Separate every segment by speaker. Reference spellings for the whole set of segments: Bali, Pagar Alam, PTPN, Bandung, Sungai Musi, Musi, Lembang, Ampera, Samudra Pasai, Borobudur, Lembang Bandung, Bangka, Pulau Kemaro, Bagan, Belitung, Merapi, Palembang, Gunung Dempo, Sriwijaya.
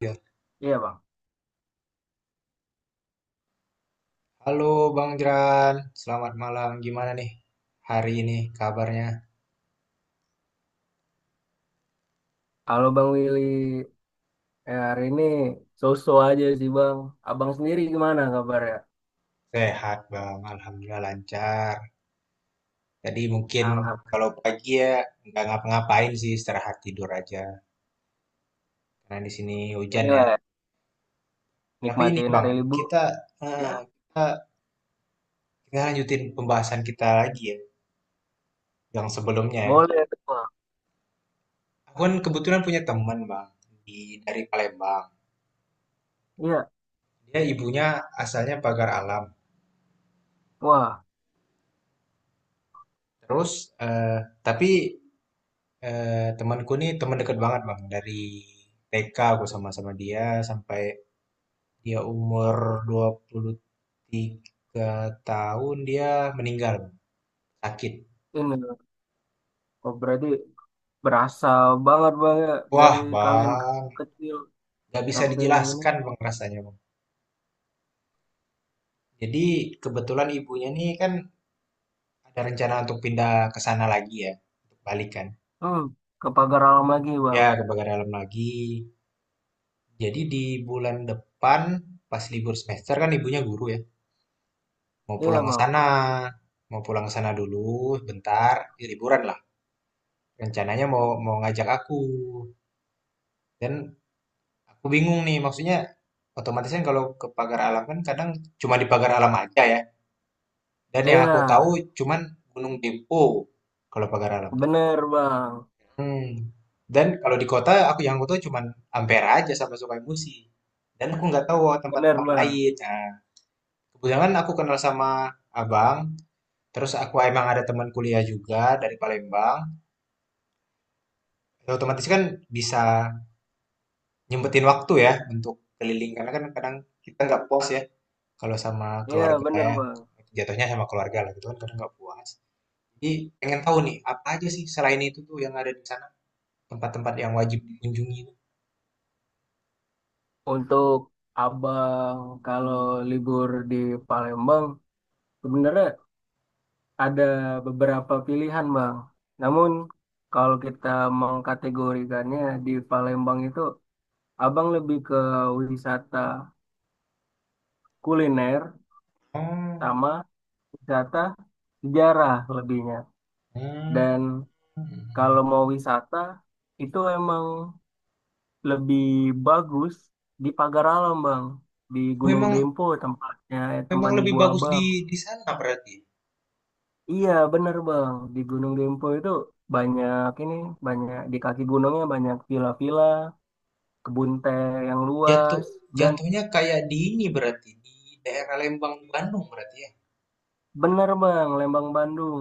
Speaker 1: Ya.
Speaker 2: Iya bang,
Speaker 1: Halo Bang Jeran, selamat malam. Gimana nih hari ini kabarnya?
Speaker 2: kalau Bang Willy hari ini so-so aja sih bang. Abang sendiri gimana kabarnya?
Speaker 1: Sehat Bang, Alhamdulillah lancar. Tadi mungkin
Speaker 2: Alhamdulillah.
Speaker 1: kalau pagi ya nggak ngapa-ngapain sih, istirahat tidur aja. Karena di sini hujan ya.
Speaker 2: Inilah ya,
Speaker 1: Tapi ini
Speaker 2: nikmatin
Speaker 1: Bang,
Speaker 2: hari libur.
Speaker 1: kita,
Speaker 2: Ya,
Speaker 1: eh, kita, kita lanjutin pembahasan kita lagi ya, yang sebelumnya. Ya.
Speaker 2: boleh tuh bang.
Speaker 1: Aku kan kebetulan punya teman Bang, dari Palembang.
Speaker 2: Iya,
Speaker 1: Dia ibunya asalnya Pagar Alam.
Speaker 2: wah
Speaker 1: Terus, eh, tapi Eh, Temanku nih teman dekat banget bang dari TK aku sama-sama dia sampai dia umur 23 tahun dia meninggal Bang. Sakit.
Speaker 2: ini oh, berarti berasa banget bang ya
Speaker 1: Wah
Speaker 2: dari kalian
Speaker 1: bang,
Speaker 2: kecil
Speaker 1: nggak bisa
Speaker 2: sampai ini.
Speaker 1: dijelaskan bang rasanya bang. Jadi kebetulan ibunya nih kan ada rencana untuk pindah ke sana lagi ya, untuk balik kan.
Speaker 2: Hmm, ke pagar alam lagi
Speaker 1: Ya
Speaker 2: bang.
Speaker 1: ke Bagan dalam lagi. Jadi di bulan depan pas libur semester kan ibunya guru ya. Mau pulang
Speaker 2: Iya
Speaker 1: ke
Speaker 2: bang.
Speaker 1: sana, mau pulang ke sana dulu bentar, ya liburan lah. Rencananya mau mau ngajak aku. Dan aku bingung nih, maksudnya otomatis kan kalau ke Pagar Alam kan kadang cuma di Pagar Alam aja ya. Dan yang
Speaker 2: Iya,
Speaker 1: aku tahu cuman Gunung Dempo kalau Pagar Alam.
Speaker 2: bener bang.
Speaker 1: Hmm. Dan kalau di kota aku yang aku tahu cuman Ampera aja sama Musi. Dan aku nggak tahu
Speaker 2: Bener
Speaker 1: tempat-tempat
Speaker 2: bang.
Speaker 1: lain. Nah, kebetulan aku kenal sama abang, terus aku emang ada teman kuliah juga dari Palembang. Ya, otomatis kan bisa nyempetin waktu ya untuk keliling karena kan kadang kita nggak puas ya kalau sama
Speaker 2: Iya
Speaker 1: keluarga
Speaker 2: bener
Speaker 1: ya,
Speaker 2: bang.
Speaker 1: jatuhnya sama keluarga lah gitu kan kadang nggak puas, jadi pengen tahu nih apa aja sih selain itu tuh yang ada di sana, tempat-tempat yang wajib dikunjungi.
Speaker 2: Untuk Abang kalau libur di Palembang sebenarnya ada beberapa pilihan, Bang. Namun kalau kita mengkategorikannya di Palembang itu, Abang lebih ke wisata kuliner
Speaker 1: Oh.
Speaker 2: sama wisata sejarah lebihnya.
Speaker 1: Hmm.
Speaker 2: Dan kalau mau wisata itu emang lebih bagus di Pagar Alam, Bang. Di Gunung
Speaker 1: Memang
Speaker 2: Dempo tempatnya
Speaker 1: memang
Speaker 2: teman
Speaker 1: lebih
Speaker 2: ibu
Speaker 1: bagus di
Speaker 2: Abang.
Speaker 1: sana berarti.
Speaker 2: Iya, bener Bang. Di Gunung Dempo itu banyak banyak di kaki gunungnya banyak villa-villa, kebun teh yang
Speaker 1: jatuh
Speaker 2: luas dan
Speaker 1: jatuhnya kayak di ini berarti di daerah Lembang Bandung berarti ya.
Speaker 2: bener Bang, Lembang Bandung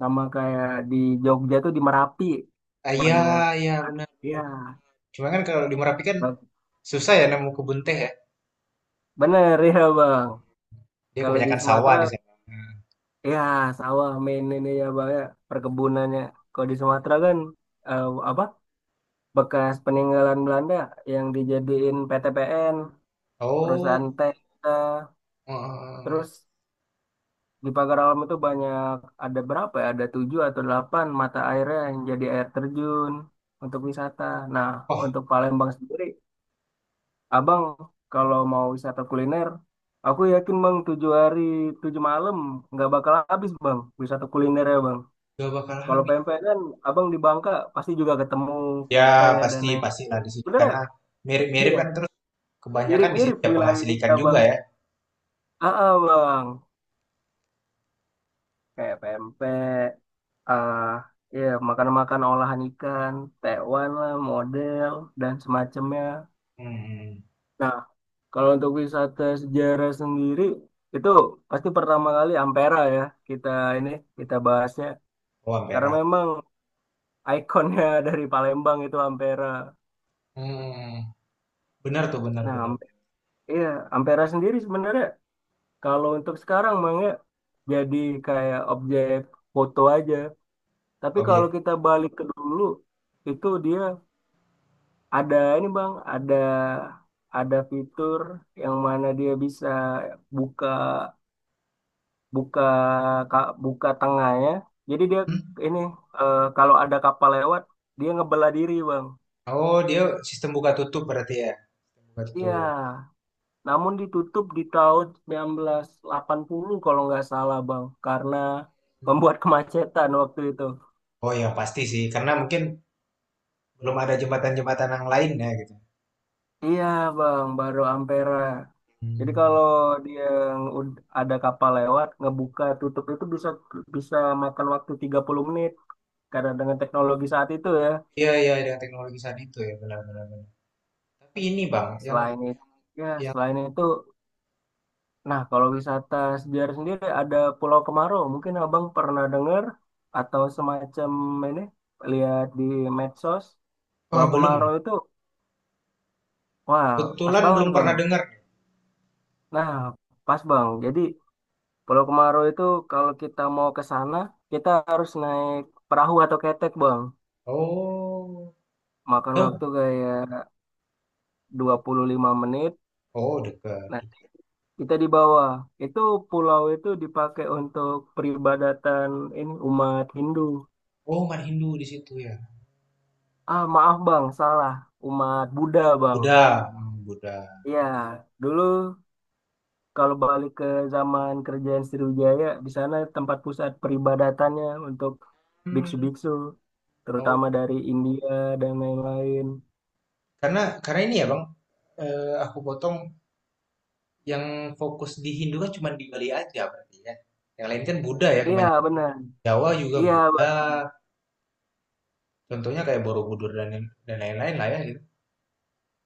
Speaker 2: sama kayak di Jogja tuh di Merapi
Speaker 1: Ah, ya,
Speaker 2: banyak.
Speaker 1: ya benar benar.
Speaker 2: Iya,
Speaker 1: Cuma kan kalau di Merapi kan,
Speaker 2: ba-
Speaker 1: susah ya nemu kebun teh ya?
Speaker 2: bener ya Bang.
Speaker 1: Dia
Speaker 2: Kalau di
Speaker 1: kebanyakan sawah
Speaker 2: Sumatera
Speaker 1: di sana.
Speaker 2: ya sawah main ini ya Bang ya, perkebunannya. Kalau di Sumatera kan eh, apa? Bekas peninggalan Belanda yang dijadiin PTPN,
Speaker 1: Oh,
Speaker 2: perusahaan teh kita.
Speaker 1: eh,
Speaker 2: Terus di pagar alam itu banyak, ada berapa ya? Ada tujuh atau delapan mata airnya yang jadi air terjun untuk wisata. Nah,
Speaker 1: oh,
Speaker 2: untuk Palembang sendiri, Abang kalau mau wisata kuliner, aku yakin Bang tujuh hari tujuh malam nggak bakal habis Bang wisata kuliner ya Bang.
Speaker 1: gak bakal
Speaker 2: Kalau
Speaker 1: habis.
Speaker 2: pempek kan Abang di Bangka pasti juga ketemu
Speaker 1: Ya
Speaker 2: pempek dan
Speaker 1: pasti
Speaker 2: lain.
Speaker 1: pastilah di sini
Speaker 2: Bener ya?
Speaker 1: karena mirip-mirip
Speaker 2: Iya,
Speaker 1: kan, terus kebanyakan di sini
Speaker 2: mirip-mirip
Speaker 1: ya
Speaker 2: wilayah
Speaker 1: penghasil ikan
Speaker 2: kita
Speaker 1: juga
Speaker 2: Bang.
Speaker 1: ya.
Speaker 2: Ah, ah, Bang, kayak pempek. Ah, ya, makan-makan olahan ikan, tewan lah, model dan semacamnya.
Speaker 1: Hmm,
Speaker 2: Nah, kalau untuk wisata sejarah sendiri itu pasti pertama kali Ampera ya, kita ini kita bahasnya
Speaker 1: oh
Speaker 2: karena
Speaker 1: merah.
Speaker 2: memang ikonnya dari Palembang itu Ampera.
Speaker 1: Hmm, benar tuh benar
Speaker 2: Nah,
Speaker 1: benar.
Speaker 2: Iya, Ampera sendiri sebenarnya kalau untuk sekarang Mang ya jadi kayak objek foto aja. Tapi kalau
Speaker 1: Objek.
Speaker 2: kita balik ke dulu, itu dia. Ada ada fitur yang mana dia bisa buka buka ka- buka tengahnya. Jadi dia
Speaker 1: Hmm.
Speaker 2: ini kalau ada kapal lewat, dia ngebelah diri Bang.
Speaker 1: Oh dia sistem buka tutup berarti ya, buka
Speaker 2: Iya,
Speaker 1: tutup.
Speaker 2: namun ditutup di tahun 1980 kalau nggak salah Bang, karena
Speaker 1: Hmm.
Speaker 2: membuat kemacetan waktu itu.
Speaker 1: Oh ya pasti sih karena mungkin belum ada jembatan-jembatan yang lain ya gitu.
Speaker 2: Iya Bang, baru Ampera. Jadi
Speaker 1: Hmm.
Speaker 2: kalau dia ada kapal lewat, ngebuka tutup itu bisa bisa makan waktu 30 menit karena dengan teknologi saat itu ya.
Speaker 1: Iya iya dengan teknologi saat itu ya benar benar benar. Tapi ini bang yang
Speaker 2: Selain itu, ya
Speaker 1: yang
Speaker 2: selain itu, nah kalau wisata sejarah sendiri ada Pulau Kemarau, mungkin Abang pernah dengar atau semacam ini lihat di medsos.
Speaker 1: wah,
Speaker 2: Pulau
Speaker 1: belum
Speaker 2: Kemarau
Speaker 1: ya?
Speaker 2: itu, wah, pas
Speaker 1: Kebetulan
Speaker 2: banget
Speaker 1: belum
Speaker 2: Bang.
Speaker 1: pernah dengar.
Speaker 2: Nah, pas Bang. Jadi Pulau Kemaro itu kalau kita mau ke sana, kita harus naik perahu atau ketek, Bang.
Speaker 1: Oh,
Speaker 2: Makan waktu
Speaker 1: jauh.
Speaker 2: kayak 25 menit.
Speaker 1: Oh, dekat.
Speaker 2: Nah, kita di bawah. Itu pulau itu dipakai untuk peribadatan umat Hindu.
Speaker 1: Oh, Mat Hindu di situ ya.
Speaker 2: Ah, maaf, Bang, salah. Umat Buddha, Bang.
Speaker 1: Buddha, hmm, Buddha.
Speaker 2: Iya, dulu kalau balik ke zaman kerajaan Sriwijaya, di sana tempat pusat peribadatannya untuk
Speaker 1: Hmm.
Speaker 2: biksu-biksu,
Speaker 1: Oh,
Speaker 2: terutama dari India dan lain-lain.
Speaker 1: karena ini ya Bang, aku potong yang fokus di Hindu kan cuma di Bali aja berarti ya. Yang lain kan Buddha ya
Speaker 2: Iya
Speaker 1: kebanyakan.
Speaker 2: benar.
Speaker 1: Jawa juga
Speaker 2: Iya
Speaker 1: Buddha.
Speaker 2: Bang.
Speaker 1: Contohnya kayak Borobudur dan lain-lain lah ya gitu.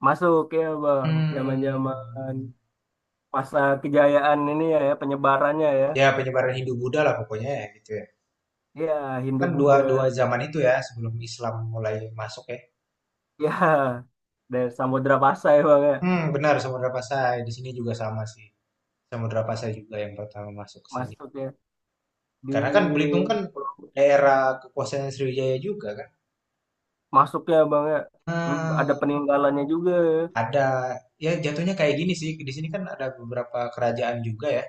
Speaker 2: Masuk ya bang.
Speaker 1: Hmm.
Speaker 2: Zaman-zaman masa kejayaan ini ya, ya penyebarannya ya.
Speaker 1: Ya penyebaran Hindu Buddha lah pokoknya ya gitu ya.
Speaker 2: Iya Hindu
Speaker 1: Kan dua
Speaker 2: Buddha.
Speaker 1: dua zaman itu ya sebelum Islam mulai masuk ya.
Speaker 2: Iya dari Samudra Pasai bang ya.
Speaker 1: Hmm, benar Samudra Pasai. Di sini juga sama sih. Samudra Pasai juga yang pertama masuk ke sini.
Speaker 2: Masuk ya
Speaker 1: Karena kan
Speaker 2: di
Speaker 1: Belitung kan daerah kekuasaan Sriwijaya juga kan.
Speaker 2: masuknya bang ya. Ada
Speaker 1: Hmm,
Speaker 2: peninggalannya juga, ya.
Speaker 1: ada, ya jatuhnya kayak gini sih. Di sini kan ada beberapa kerajaan juga ya.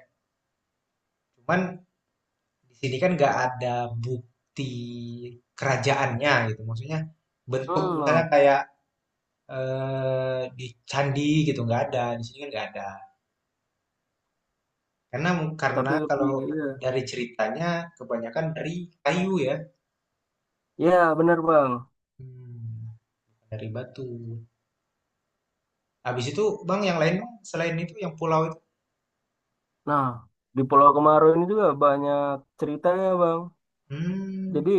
Speaker 1: Cuman di sini kan nggak ada bukti kerajaannya gitu. Maksudnya bentuk
Speaker 2: Hmm,
Speaker 1: misalnya
Speaker 2: Bang.
Speaker 1: kayak di candi gitu nggak ada. Di sini kan nggak ada. Karena
Speaker 2: Tapi lebih
Speaker 1: kalau
Speaker 2: iya.
Speaker 1: dari ceritanya kebanyakan dari kayu ya.
Speaker 2: Iya benar bang.
Speaker 1: Mmm, dari Batu. Habis itu, Bang, yang lain, Bang, selain itu yang pulau itu?
Speaker 2: Nah di Pulau Kemaru ini juga banyak ceritanya bang.
Speaker 1: Mmm,
Speaker 2: Jadi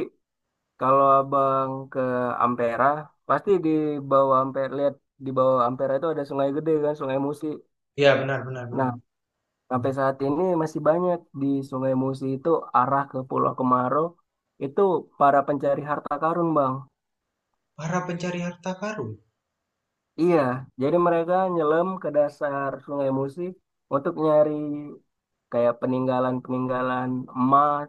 Speaker 2: kalau abang ke Ampera, pasti di bawah Ampera lihat, di bawah Ampera itu ada sungai gede kan, Sungai Musi.
Speaker 1: iya benar benar
Speaker 2: Nah,
Speaker 1: benar.
Speaker 2: sampai saat ini masih banyak di Sungai Musi itu arah ke Pulau Kemaro itu para pencari harta karun, Bang.
Speaker 1: Para pencari harta karun?
Speaker 2: Iya, jadi mereka nyelam ke dasar Sungai Musi untuk nyari kayak peninggalan-peninggalan emas,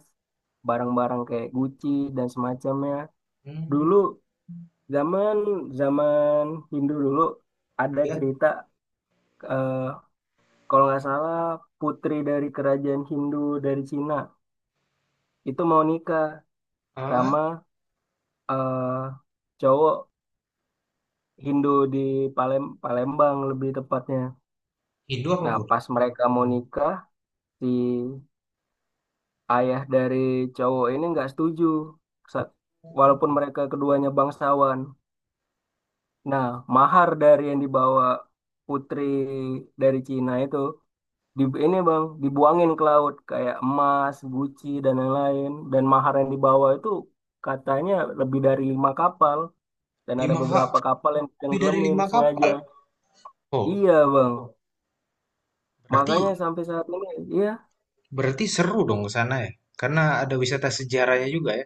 Speaker 2: barang-barang kayak Gucci dan semacamnya.
Speaker 1: Hmm.
Speaker 2: Dulu zaman zaman Hindu dulu ada
Speaker 1: Ya.
Speaker 2: cerita eh, kalau nggak salah putri dari kerajaan Hindu dari Cina itu mau nikah
Speaker 1: Ah.
Speaker 2: sama eh, cowok Hindu di Palembang lebih tepatnya.
Speaker 1: Hindu apa
Speaker 2: Nah,
Speaker 1: Buddha?
Speaker 2: pas mereka mau nikah, si ayah dari cowok ini nggak setuju. Sa- Walaupun mereka keduanya bangsawan, nah, mahar dari yang dibawa putri dari Cina itu di ini Bang, dibuangin ke laut kayak emas, guci dan lain-lain dan mahar yang dibawa itu katanya lebih dari 5 kapal dan ada
Speaker 1: 5 ka
Speaker 2: beberapa kapal yang
Speaker 1: lebih dari
Speaker 2: tenggelamin
Speaker 1: lima kapal?
Speaker 2: sengaja.
Speaker 1: Oh,
Speaker 2: Iya, Bang.
Speaker 1: berarti,
Speaker 2: Makanya sampai saat ini iya,
Speaker 1: berarti seru dong ke sana ya? Karena ada wisata sejarahnya juga ya?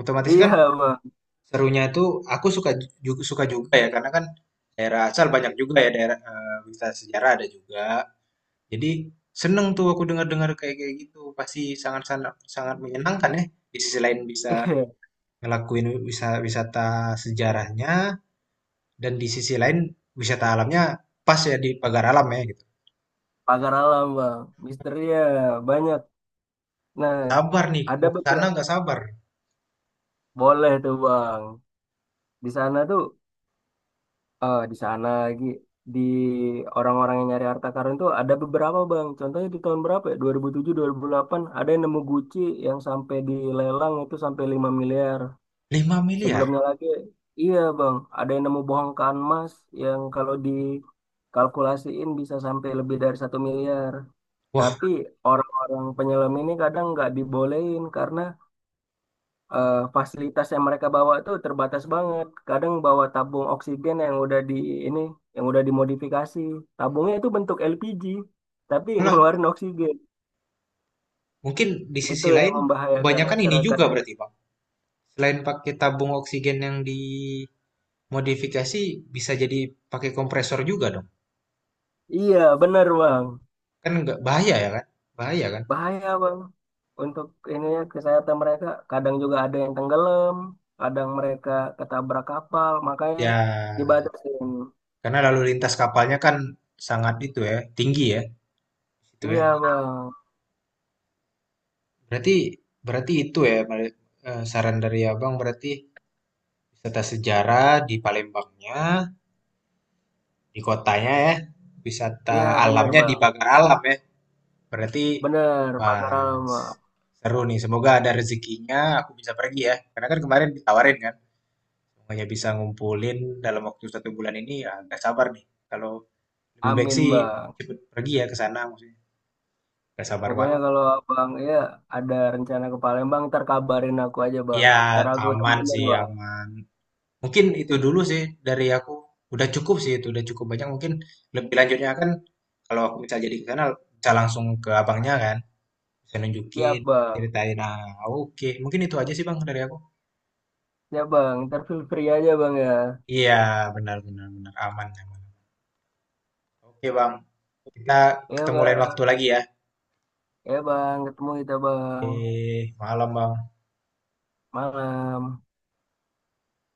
Speaker 1: Otomatis
Speaker 2: iya,
Speaker 1: kan
Speaker 2: Bang.
Speaker 1: serunya itu aku suka suka juga ya, karena kan daerah asal banyak juga ya daerah, wisata sejarah ada juga. Jadi seneng tuh aku dengar-dengar kayak kayak gitu. Pasti sangat-sangat sangat menyenangkan ya. Di sisi lain bisa ngelakuin wisata sejarahnya, dan di sisi lain wisata alamnya pas ya di Pagar Alam ya gitu.
Speaker 2: Pagar alam, Bang. Misteri ya banyak.
Speaker 1: Gak
Speaker 2: Nah,
Speaker 1: sabar nih
Speaker 2: ada
Speaker 1: mau ke sana
Speaker 2: beberapa
Speaker 1: gak sabar.
Speaker 2: boleh tuh, Bang. Di sana tuh eh di sana lagi di orang-orang yang nyari harta karun tuh ada beberapa bang. Contohnya di tahun berapa ya? 2007, 2008 ada yang nemu Gucci yang sampai dilelang itu sampai 5 miliar.
Speaker 1: 5 miliar.
Speaker 2: Sebelumnya lagi iya bang, ada yang nemu bongkahan emas yang kalau dikalkulasiin bisa sampai lebih dari 1 miliar. Tapi
Speaker 1: Wah,
Speaker 2: orang-orang penyelam ini kadang nggak dibolehin karena fasilitas yang mereka bawa tuh terbatas banget. Kadang bawa tabung oksigen yang udah di ini, yang udah dimodifikasi. Tabungnya itu bentuk LPG, tapi
Speaker 1: lah
Speaker 2: ngeluarin oksigen.
Speaker 1: mungkin di sisi
Speaker 2: Itu yang
Speaker 1: lain
Speaker 2: membahayakan
Speaker 1: kebanyakan ini
Speaker 2: masyarakat
Speaker 1: juga
Speaker 2: ya.
Speaker 1: berarti Bang. Selain pakai tabung oksigen yang dimodifikasi bisa jadi pakai kompresor juga dong.
Speaker 2: Iya, bener bang.
Speaker 1: Kan nggak bahaya ya kan? Bahaya kan?
Speaker 2: Bahaya bang. Untuk ini ya, kesehatan mereka. Kadang juga ada yang tenggelam, kadang mereka ketabrak kapal. Makanya
Speaker 1: Ya,
Speaker 2: dibatasin.
Speaker 1: karena lalu lintas kapalnya kan sangat itu ya, tinggi ya, itu ya.
Speaker 2: Iya bang.
Speaker 1: Berarti, berarti itu ya, saran dari Abang berarti wisata sejarah di Palembangnya, di kotanya ya, wisata
Speaker 2: Iya bener
Speaker 1: alamnya di
Speaker 2: bang.
Speaker 1: Pagar Alam ya. Berarti
Speaker 2: Bener, Pak Karal,
Speaker 1: pas
Speaker 2: Bang.
Speaker 1: seru nih. Semoga ada rezekinya aku bisa pergi ya. Karena kan kemarin ditawarin kan, hanya bisa ngumpulin dalam waktu 1 bulan ini, ya nggak sabar nih. Kalau lebih baik
Speaker 2: Amin
Speaker 1: sih
Speaker 2: bang.
Speaker 1: cepet pergi ya ke sana maksudnya. Gak sabar
Speaker 2: Pokoknya
Speaker 1: banget.
Speaker 2: kalau abang ya ada rencana ke Palembang, ntar kabarin aku aja
Speaker 1: Iya,
Speaker 2: Bang. Ntar aku
Speaker 1: aman
Speaker 2: temenin
Speaker 1: sih,
Speaker 2: Bang.
Speaker 1: aman. Mungkin itu dulu sih dari aku. Udah cukup sih itu, udah cukup banyak. Mungkin lebih lanjutnya kan kalau aku misal jadi ke sana bisa langsung ke abangnya kan, bisa nunjukin,
Speaker 2: Siap Bang,
Speaker 1: ceritain. Nah, oke. Mungkin itu aja sih Bang dari aku.
Speaker 2: siap Bang. Ntar feel free aja Bang ya.
Speaker 1: Iya, benar benar benar aman aman. Oke, Bang. Kita
Speaker 2: Iya
Speaker 1: ketemu lain
Speaker 2: Bang,
Speaker 1: waktu lagi ya.
Speaker 2: iya Bang. Ketemu kita Bang.
Speaker 1: Eh, malam, Bang.
Speaker 2: Malam.